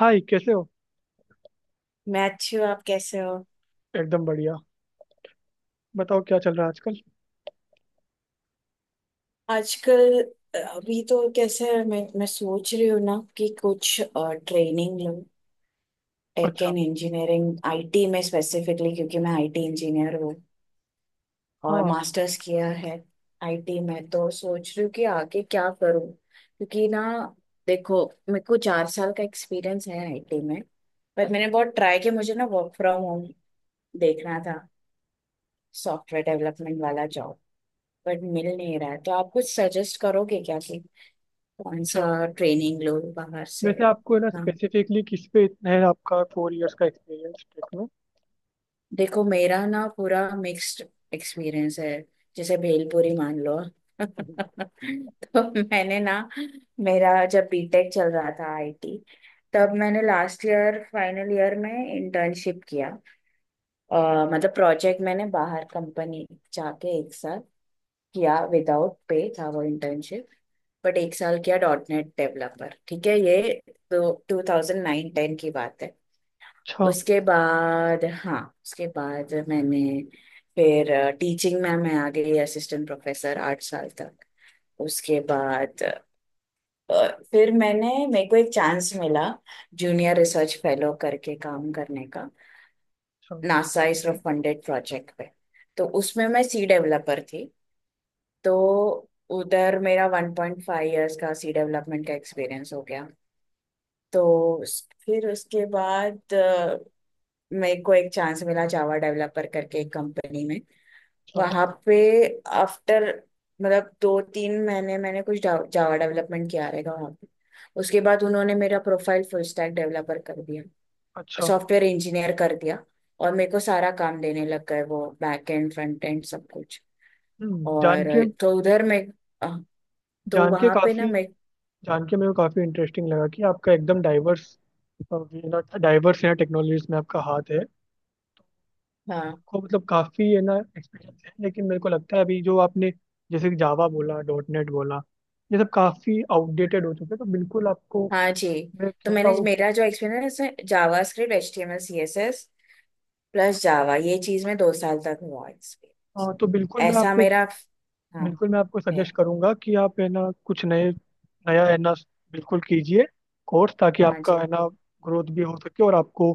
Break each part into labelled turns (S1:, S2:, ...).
S1: हाय, कैसे हो।
S2: मैं अच्छी हूँ। आप कैसे हो?
S1: एकदम बढ़िया। बताओ, क्या चल रहा है आजकल।
S2: आजकल अभी तो कैसे है, मैं सोच रही हूँ ना कि कुछ ट्रेनिंग लूँ टेक
S1: अच्छा।
S2: एंड इंजीनियरिंग आईटी में, स्पेसिफिकली क्योंकि मैं आईटी इंजीनियर हूँ और
S1: हाँ।
S2: मास्टर्स किया है आईटी में। तो सोच रही हूँ कि आगे क्या करूँ क्योंकि ना, देखो, मेरे को चार साल का एक्सपीरियंस है आईटी में। पर मैंने बहुत ट्राई किया, मुझे ना वर्क फ्रॉम होम देखना था, सॉफ्टवेयर डेवलपमेंट वाला जॉब, बट मिल नहीं रहा है। तो आप कुछ सजेस्ट करोगे क्या कि कौन
S1: अच्छा,
S2: सा ट्रेनिंग लो बाहर से।
S1: वैसे आपको है ना
S2: हाँ,
S1: स्पेसिफिकली किस पे इतना है आपका फोर इयर्स का एक्सपीरियंस टेक में।
S2: देखो मेरा ना पूरा मिक्स्ड एक्सपीरियंस है, जैसे भेलपुरी मान लो।
S1: हम्म।
S2: तो मैंने ना, मेरा जब बीटेक चल रहा था आईटी, तब मैंने लास्ट ईयर फाइनल ईयर में इंटर्नशिप किया। मतलब प्रोजेक्ट मैंने बाहर कंपनी जाके एक साथ किया, विदाउट पे था वो इंटर्नशिप। बट एक साल किया डॉट नेट डेवलपर, ठीक है ये। तो टू थाउजेंड नाइन टेन की बात है।
S1: अच्छा।
S2: उसके बाद हाँ, उसके बाद मैंने फिर टीचिंग में मैं आ गई असिस्टेंट प्रोफेसर आठ साल तक। उसके बाद फिर मैंने, मेरे को एक चांस मिला जूनियर रिसर्च फेलो करके काम करने का,
S1: अच्छा।
S2: नासा इसरो फंडेड प्रोजेक्ट पे। तो उसमें मैं सी डेवलपर थी। तो उधर मेरा 1.5 इयर्स का सी डेवलपमेंट का एक्सपीरियंस हो गया। तो फिर उसके बाद मेरे को एक चांस मिला जावा डेवलपर करके एक कंपनी में।
S1: अच्छा।
S2: वहाँ पे आफ्टर, मतलब दो तीन महीने मैंने कुछ जावा डेवलपमेंट किया रहेगा वहाँ पे। उसके बाद उन्होंने मेरा प्रोफाइल फुल स्टैक डेवलपर कर दिया,
S1: अच्छा।
S2: सॉफ्टवेयर इंजीनियर कर दिया, और मेरे को सारा काम देने लग गए वो बैक एंड फ्रंट एंड सब कुछ।
S1: हम्म जान
S2: और
S1: के
S2: तो उधर मैं अ, तो
S1: जान के
S2: वहाँ पे ना
S1: काफ़ी
S2: मैं।
S1: जान के मेरे को काफ़ी इंटरेस्टिंग लगा कि आपका एकदम डाइवर्स ना, डाइवर्स है, टेक्नोलॉजीज में आपका हाथ है।
S2: हाँ।
S1: आपको मतलब काफ़ी है ना एक्सपीरियंस है, लेकिन मेरे को लगता है अभी जो आपने जैसे जावा बोला, डॉट नेट बोला, ये सब काफ़ी आउटडेटेड हो चुके हैं। तो बिल्कुल आपको
S2: हाँ जी।
S1: मैं
S2: तो
S1: कहता
S2: मैंने
S1: हूँ कि
S2: मेरा जो एक्सपीरियंस है JavaScript H T M L C S S plus Java, ये चीज में दो साल तक हुआ एक्सपीरियंस,
S1: हाँ, तो बिल्कुल
S2: ऐसा मेरा। हाँ,
S1: मैं आपको
S2: है।
S1: सजेस्ट करूंगा कि आप है ना कुछ नए, नया है ना, बिल्कुल कीजिए कोर्स, ताकि
S2: हाँ
S1: आपका
S2: जी।
S1: है ना ग्रोथ भी हो सके और आपको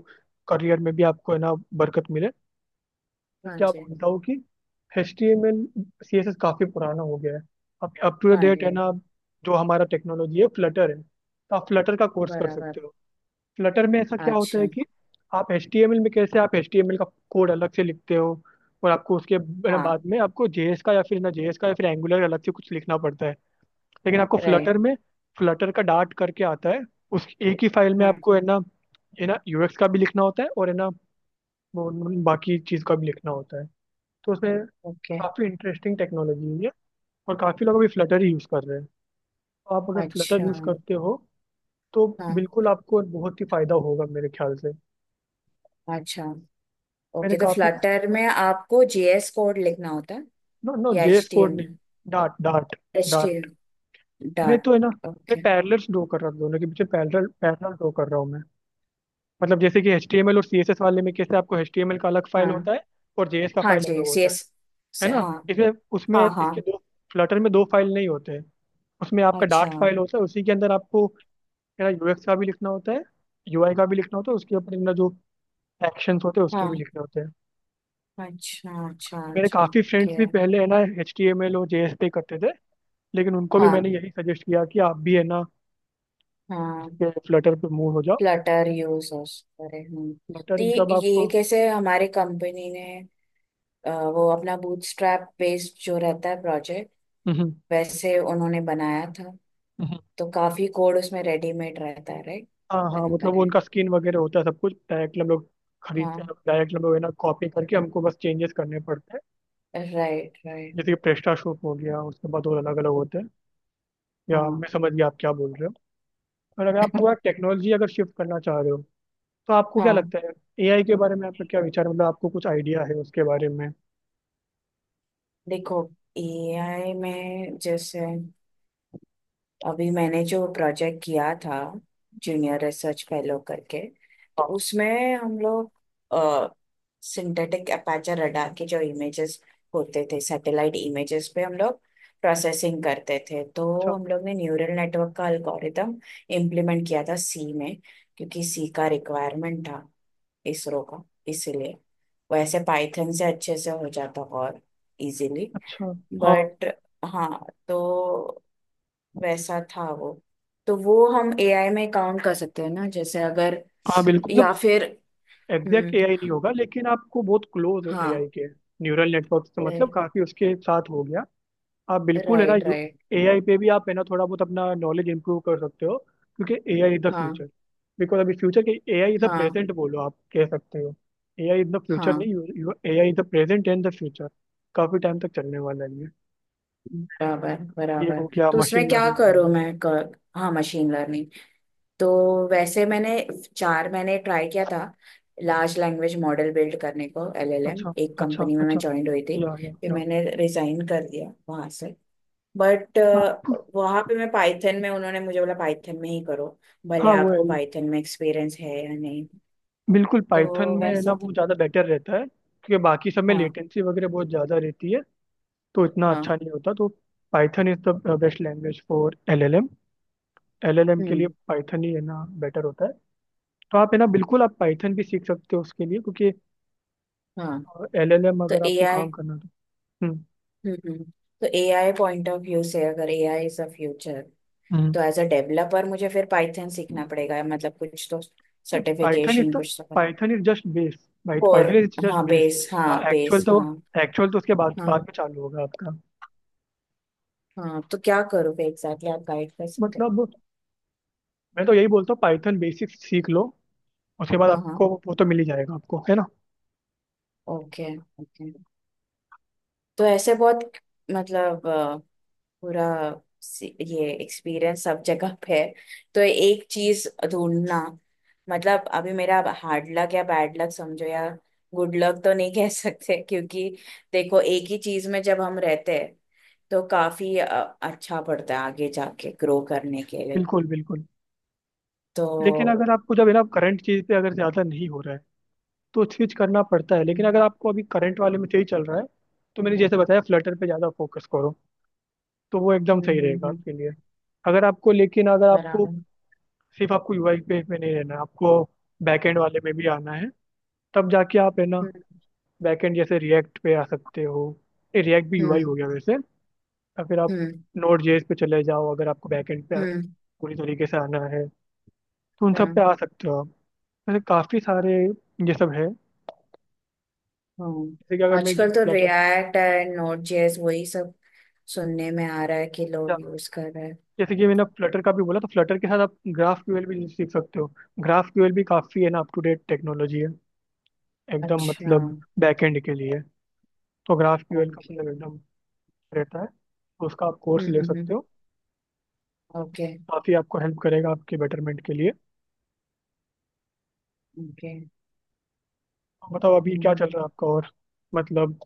S1: करियर में भी आपको है ना बरकत मिले। तो
S2: हाँ
S1: क्या
S2: जी।
S1: बोलता हूँ कि H T M L C S S काफ़ी पुराना हो गया है। अब अप टू
S2: हाँ
S1: डेट है
S2: जी।
S1: ना जो हमारा टेक्नोलॉजी है फ्लटर है, तो आप फ्लटर का कोर्स कर सकते
S2: बराबर।
S1: हो। फ्लटर में ऐसा क्या होता
S2: अच्छा।
S1: है कि आप एच टी एम एल में, कैसे आप एच टी एम एल का कोड अलग से लिखते हो और आपको उसके ना बाद
S2: हाँ।
S1: में आपको जे एस का, या फिर ना जे एस का या फिर एंगुलर अलग से कुछ लिखना पड़ता है, लेकिन आपको
S2: राइट।
S1: फ्लटर में फ्लटर का डार्ट करके आता है। उस एक ही फाइल में
S2: हम्म।
S1: आपको है ना, है ना यूएक्स का भी लिखना होता है, और है ना वो बाकी चीज़ का भी लिखना होता है। तो उसमें
S2: ओके।
S1: काफ़ी इंटरेस्टिंग टेक्नोलॉजी है ये, और काफ़ी लोग अभी फ्लटर ही यूज़ कर रहे हैं। तो आप अगर फ्लटर
S2: अच्छा।
S1: यूज़ करते हो तो
S2: हाँ।
S1: बिल्कुल आपको बहुत ही फायदा होगा मेरे ख्याल से।
S2: अच्छा।
S1: मैंने
S2: ओके, तो
S1: काफ़ी
S2: फ्लटर में आपको जेएस कोड लिखना होता है
S1: नो नो,
S2: या H
S1: JS
S2: T
S1: code
S2: M
S1: नहीं,
S2: L,
S1: Dart Dart
S2: H T
S1: Dart.
S2: M
S1: मैं तो है ना,
S2: डॉट।
S1: मैं
S2: ओके।
S1: पैरेलल ड्रॉ कर रहा हूँ दोनों के बीच में, पैरेलल पैरेलल ड्रॉ कर रहा हूँ मैं। मतलब जैसे कि एचटीएमएल और सीएसएस वाले में कैसे आपको एचटीएमएल का अलग फाइल
S2: हाँ।
S1: होता है और जेएस का
S2: हाँ
S1: फाइल अलग
S2: जी सी
S1: होता है
S2: एस।
S1: है ना।
S2: हाँ।
S1: इसमें उसमें
S2: हाँ
S1: इसके
S2: हाँ।
S1: दो, फ्लटर में दो फाइल नहीं होते हैं। उसमें आपका
S2: अच्छा।
S1: डार्ट फाइल होता है, उसी के अंदर आपको मेरा यूएक्स का भी लिखना होता है, यूआई का भी लिखना होता है, उसके अपने अंदर जो एक्शंस होते हैं उसके भी
S2: हाँ।
S1: लिखने होते हैं।
S2: अच्छा अच्छा
S1: मेरे
S2: अच्छा,
S1: काफ़ी
S2: ओके।
S1: फ्रेंड्स भी पहले है ना एचटीएमएल और जेएस पे करते थे, लेकिन उनको भी मैंने
S2: हाँ।
S1: यही सजेस्ट किया कि आप भी है ना
S2: हाँ।
S1: के फ्लटर पे मूव हो जाओ।
S2: Flutter users. अरे, हम्म।
S1: फ्लटर
S2: तो ये
S1: मतलब
S2: ये
S1: आप,
S2: कैसे हमारे कंपनी ने वो अपना बूटस्ट्रैप बेस्ड जो रहता है प्रोजेक्ट,
S1: हम्म,
S2: वैसे उन्होंने बनाया था।
S1: हम्म,
S2: तो काफी कोड उसमें रेडीमेड रहता है, राइट,
S1: हाँ हाँ,
S2: बना
S1: मतलब वो
S2: बनाया।
S1: उनका स्किन वगैरह होता है सब कुछ, डायरेक्ट हम लोग खरीदते
S2: हाँ,
S1: हैं, डायरेक्ट हम लोग है ना कॉपी करके हमको बस चेंजेस करने पड़ते हैं।
S2: Right right.
S1: जैसे कि प्रेस्टा शूट हो गया, उसके बाद और अलग अलग होते हैं। या,
S2: हाँ।
S1: मैं समझ गया आप क्या बोल रहे हो। और अगर आप पूरा टेक्नोलॉजी अगर शिफ्ट करना चाह रहे हो तो आपको क्या
S2: हाँ,
S1: लगता है एआई के बारे में आपका क्या विचार है? मतलब आपको कुछ आइडिया है उसके बारे में।
S2: देखो एआई में, जैसे अभी मैंने जो प्रोजेक्ट किया था जूनियर रिसर्च फेलो करके, तो
S1: हाँ।
S2: उसमें हम लोग सिंथेटिक अपर्चर रडार के जो इमेजेस होते थे सैटेलाइट इमेजेस पे, हम लोग प्रोसेसिंग करते थे। तो
S1: अच्छा,
S2: हम लोग ने न्यूरल नेटवर्क का अल्गोरिदम इम्प्लीमेंट किया था सी में, क्योंकि सी का रिक्वायरमेंट था इसरो का, इसीलिए। वैसे पाइथन से अच्छे से हो जाता और इजीली,
S1: अच्छा। हाँ।
S2: बट। हाँ, तो वैसा था वो। तो वो हम एआई में काउंट कर सकते हैं ना, जैसे अगर,
S1: हाँ बिल्कुल, मतलब
S2: या फिर।
S1: एग्जैक्ट
S2: हम्म।
S1: एआई नहीं होगा, लेकिन आपको बहुत क्लोज हो
S2: हाँ।
S1: एआई के, न्यूरल नेटवर्क से मतलब काफी उसके साथ हो गया। आप बिल्कुल है ना
S2: राइट राइट।
S1: एआई पे भी आप है ना थोड़ा बहुत अपना नॉलेज इंप्रूव कर सकते हो, क्योंकि एआई इज द
S2: हाँ।
S1: फ्यूचर। बिकॉज अभी फ्यूचर के, एआई इज द
S2: हाँ
S1: प्रेजेंट बोलो आप कह सकते हो, एआई इज द फ्यूचर
S2: हाँ।
S1: नहीं, AI is the present and the future. काफी टाइम तक चलने वाला है ये
S2: बराबर
S1: ये
S2: बराबर।
S1: हो गया
S2: तो उसमें
S1: मशीन
S2: क्या
S1: लर्निंग हो
S2: करूँ
S1: गया।
S2: मैं हाँ, मशीन लर्निंग। तो वैसे मैंने चार मैंने ट्राई किया था लार्ज लैंग्वेज मॉडल बिल्ड करने को, एलएलएम
S1: अच्छा,
S2: एक
S1: अच्छा
S2: कंपनी में मैं
S1: अच्छा,
S2: ज्वाइन हुई थी।
S1: या
S2: फिर
S1: या।
S2: मैंने रिजाइन कर दिया वहां से, बट
S1: हाँ
S2: वहां पे मैं पाइथन में, उन्होंने मुझे बोला पाइथन में ही करो, भले
S1: हाँ वो है,
S2: आपको पाइथन में एक्सपीरियंस है या नहीं।
S1: बिल्कुल पाइथन
S2: तो
S1: में है ना
S2: वैसा था।
S1: वो ज़्यादा बेटर रहता है, क्योंकि बाकी सब में
S2: हाँ।
S1: लेटेंसी वगैरह बहुत ज़्यादा रहती है, तो इतना
S2: हाँ।
S1: अच्छा नहीं होता तो। Python is the best language for LLM. LLM के लिए
S2: हम्म।
S1: पाइथन ही है ना बेटर होता है। तो आप है ना बिल्कुल आप
S2: हम्म,
S1: पाइथन भी सीख सकते हो उसके लिए, क्योंकि
S2: हाँ।
S1: एलएलएम
S2: तो
S1: अगर आपको
S2: एआई।
S1: काम करना है तो। हम्म।
S2: हम्म। तो एआई पॉइंट ऑफ व्यू से, अगर AI is a future,
S1: hmm
S2: तो एज अ डेवलपर मुझे फिर पाइथन सीखना पड़ेगा, मतलब कुछ तो
S1: पाइथन इज
S2: सर्टिफिकेशन
S1: द
S2: कुछ तो।
S1: पाइथन इज जस्ट बेस
S2: और
S1: पाइथन इज जस्ट
S2: हाँ,
S1: बेस।
S2: बेस हाँ,
S1: एक्चुअल
S2: बेस
S1: तो
S2: हाँ।
S1: एक्चुअल तो उसके बाद,
S2: हाँ
S1: बाद में चालू होगा आपका।
S2: हाँ, तो क्या करोगे एग्जैक्टली exactly, आप गाइड कर सकते
S1: मतलब मैं तो यही बोलता हूँ पाइथन बेसिक्स सीख लो, उसके बाद
S2: हो। हाँ। हाँ।
S1: आपको वो तो मिल ही जाएगा आपको है ना।
S2: ओके। ओके, तो ऐसे बहुत मतलब पूरा ये एक्सपीरियंस सब जगह पे है। तो एक चीज ढूंढना, मतलब अभी मेरा हार्ड लक या बैड लक समझो, या गुड लक तो नहीं कह सकते, क्योंकि देखो एक ही चीज में जब हम रहते हैं तो काफी अच्छा पड़ता है आगे जाके ग्रो करने के लिए।
S1: बिल्कुल बिल्कुल। लेकिन
S2: तो
S1: अगर आपको जब है ना करंट चीज़ पे अगर ज़्यादा नहीं हो रहा है तो स्विच करना पड़ता है, लेकिन
S2: हम्म
S1: अगर आपको अभी करंट वाले में सही चल रहा है तो मैंने जैसे बताया फ्लटर पे ज़्यादा फोकस करो, तो वो एकदम
S2: हम्म
S1: सही
S2: हम्म
S1: रहेगा
S2: हम्म,
S1: आपके लिए। अगर आपको, लेकिन अगर आपको
S2: बराबर।
S1: सिर्फ आपको यूआई पे में नहीं रहना है, आपको बैकएंड वाले में भी आना है, तब जाके आप है ना
S2: हम्म
S1: बैकएंड जैसे रिएक्ट पे आ सकते हो, रिएक्ट भी यूआई हो
S2: हम्म
S1: गया वैसे, या फिर आप
S2: हम्म
S1: नोड जेएस पे चले जाओ। अगर आपको बैकएंड पे
S2: हम्म।
S1: पूरी तरीके से आना है तो उन सब पे
S2: हम्म।
S1: आ सकते हो आप। वैसे काफ़ी सारे ये सब है। जैसे कि अगर
S2: हाँ,
S1: मैं जैसे
S2: आजकल तो
S1: Flutter
S2: React and Node JS वही सब सुनने में आ रहा है कि लोग यूज कर रहे हैं।
S1: जैसे कि मैंने फ्लटर का भी बोला, तो फ्लटर के साथ आप ग्राफ क्यूएल भी सीख सकते हो। ग्राफ क्यूएल भी काफ़ी है ना अप टू डेट टेक्नोलॉजी है, एकदम
S2: अच्छा।
S1: मतलब बैकएंड के लिए। तो ग्राफ क्यूएल का
S2: ओके।
S1: मतलब एकदम रहता है, तो उसका आप कोर्स ले
S2: हम्म।
S1: सकते हो,
S2: ओके।
S1: काफ़ी आपको हेल्प करेगा आपके बेटरमेंट के लिए।
S2: ओके।
S1: और बताओ, अभी
S2: हम्म,
S1: क्या चल रहा है
S2: हम्म।
S1: आपका, और मतलब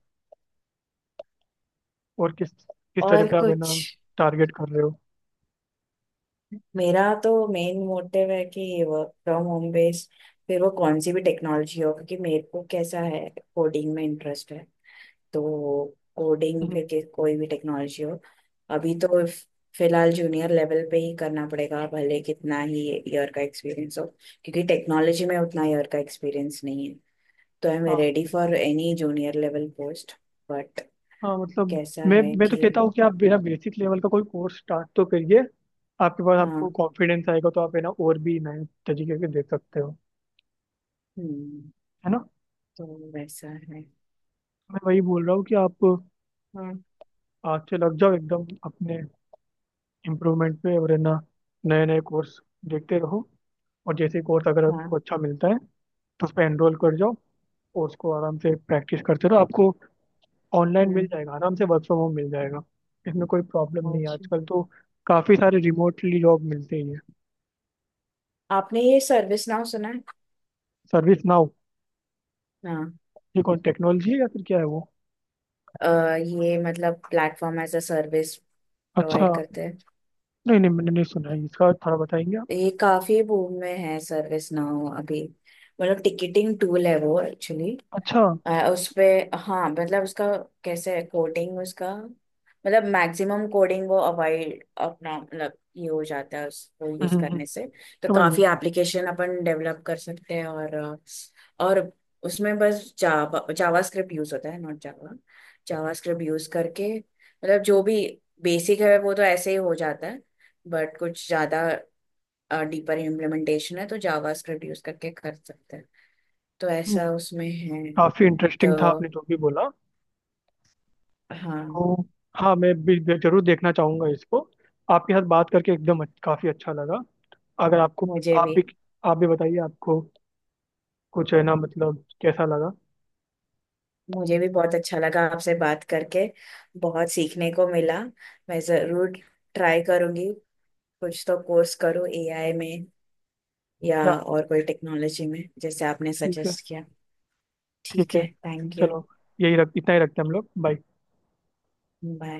S1: और किस किस तरह
S2: और
S1: पे आप है ना
S2: कुछ,
S1: टारगेट कर रहे हो।
S2: मेरा तो मेन मोटिव है कि ये वर्क फ्रॉम होम बेस, फिर वो कौन सी भी टेक्नोलॉजी हो, क्योंकि मेरे को कैसा है, कोडिंग में इंटरेस्ट है। तो कोडिंग
S1: हम्म।
S2: फिर कोई भी टेक्नोलॉजी हो। अभी तो फिलहाल जूनियर लेवल पे ही करना पड़ेगा, भले कितना ही ईयर का एक्सपीरियंस हो, क्योंकि टेक्नोलॉजी में उतना ईयर का एक्सपीरियंस नहीं है। तो आई एम
S1: हाँ
S2: रेडी
S1: बिल्कुल।
S2: For any junior level post, but
S1: हाँ मतलब
S2: कैसा
S1: मैं
S2: है
S1: मैं तो
S2: कि।
S1: कहता हूँ कि आप बिना बेसिक लेवल का कोई कोर्स स्टार्ट तो करिए, आपके पास आपको
S2: हाँ।
S1: कॉन्फिडेंस आएगा तो आप है ना और भी नए तरीके के देख सकते हो,
S2: हम्म।
S1: है ना।
S2: तो वैसा है।
S1: मैं वही बोल रहा हूँ कि आप
S2: हाँ।
S1: आज से लग जाओ एकदम अपने इम्प्रूवमेंट पे, और है ना नए नए कोर्स देखते रहो, और जैसे कोर्स अगर आपको
S2: हाँ।
S1: अच्छा मिलता है तो उस पर एनरोल कर जाओ और उसको आराम से प्रैक्टिस करते रहो। आपको ऑनलाइन मिल
S2: हम्म।
S1: जाएगा आराम से, वर्क फ्रॉम होम मिल जाएगा, इसमें कोई प्रॉब्लम नहीं है
S2: अच्छा,
S1: आजकल तो, काफ़ी सारे रिमोटली जॉब मिलते ही हैं।
S2: आपने ये सर्विस नाउ सुना है?
S1: सर्विस ना,
S2: हाँ,
S1: ये कौन टेक्नोलॉजी है या फिर क्या है वो।
S2: अ, ये मतलब प्लेटफॉर्म एज अ सर्विस
S1: अच्छा।
S2: प्रोवाइड करते हैं।
S1: नहीं नहीं, मैंने नहीं सुना है इसका, थोड़ा बताएंगे आप।
S2: ये काफी बूम में है सर्विस नाउ अभी। मतलब टिकटिंग टूल है वो एक्चुअली।
S1: अच्छा, हम्म,
S2: उसपे हाँ, मतलब उसका कैसे है, कोडिंग उसका मतलब मैक्सिमम कोडिंग वो अवॉइड अपना मतलब ये हो जाता है उसको यूज
S1: हम्म, हम्म,
S2: करने से। तो
S1: समझ गया।
S2: काफी एप्लीकेशन अपन डेवलप कर सकते हैं और और उसमें बस जावा जावा स्क्रिप्ट यूज होता है, not Java. JavaScript use करके, मतलब जो भी बेसिक है वो तो ऐसे ही हो जाता है, बट कुछ ज्यादा डीपर इम्प्लीमेंटेशन है तो जावा स्क्रिप्ट यूज करके कर सकते हैं। तो
S1: हम्म,
S2: ऐसा उसमें है।
S1: काफी
S2: तो
S1: इंटरेस्टिंग था आपने जो भी बोला।
S2: हाँ,
S1: तो हाँ, मैं भी जरूर देखना चाहूंगा इसको। आपके साथ बात करके एकदम अच्छ-, काफी अच्छा लगा। अगर आपको,
S2: मुझे
S1: आप
S2: भी
S1: भी आप भी बताइए आपको कुछ है ना मतलब कैसा लगा।
S2: मुझे भी बहुत अच्छा लगा आपसे बात करके। बहुत सीखने को मिला। मैं जरूर ट्राई करूंगी कुछ तो कोर्स करूँ एआई में या
S1: या
S2: और कोई टेक्नोलॉजी में जैसे आपने
S1: ठीक है,
S2: सजेस्ट किया।
S1: ठीक
S2: ठीक
S1: है,
S2: है, थैंक यू।
S1: चलो, यही रख इतना ही रखते हैं हम लोग। बाय।
S2: बाय।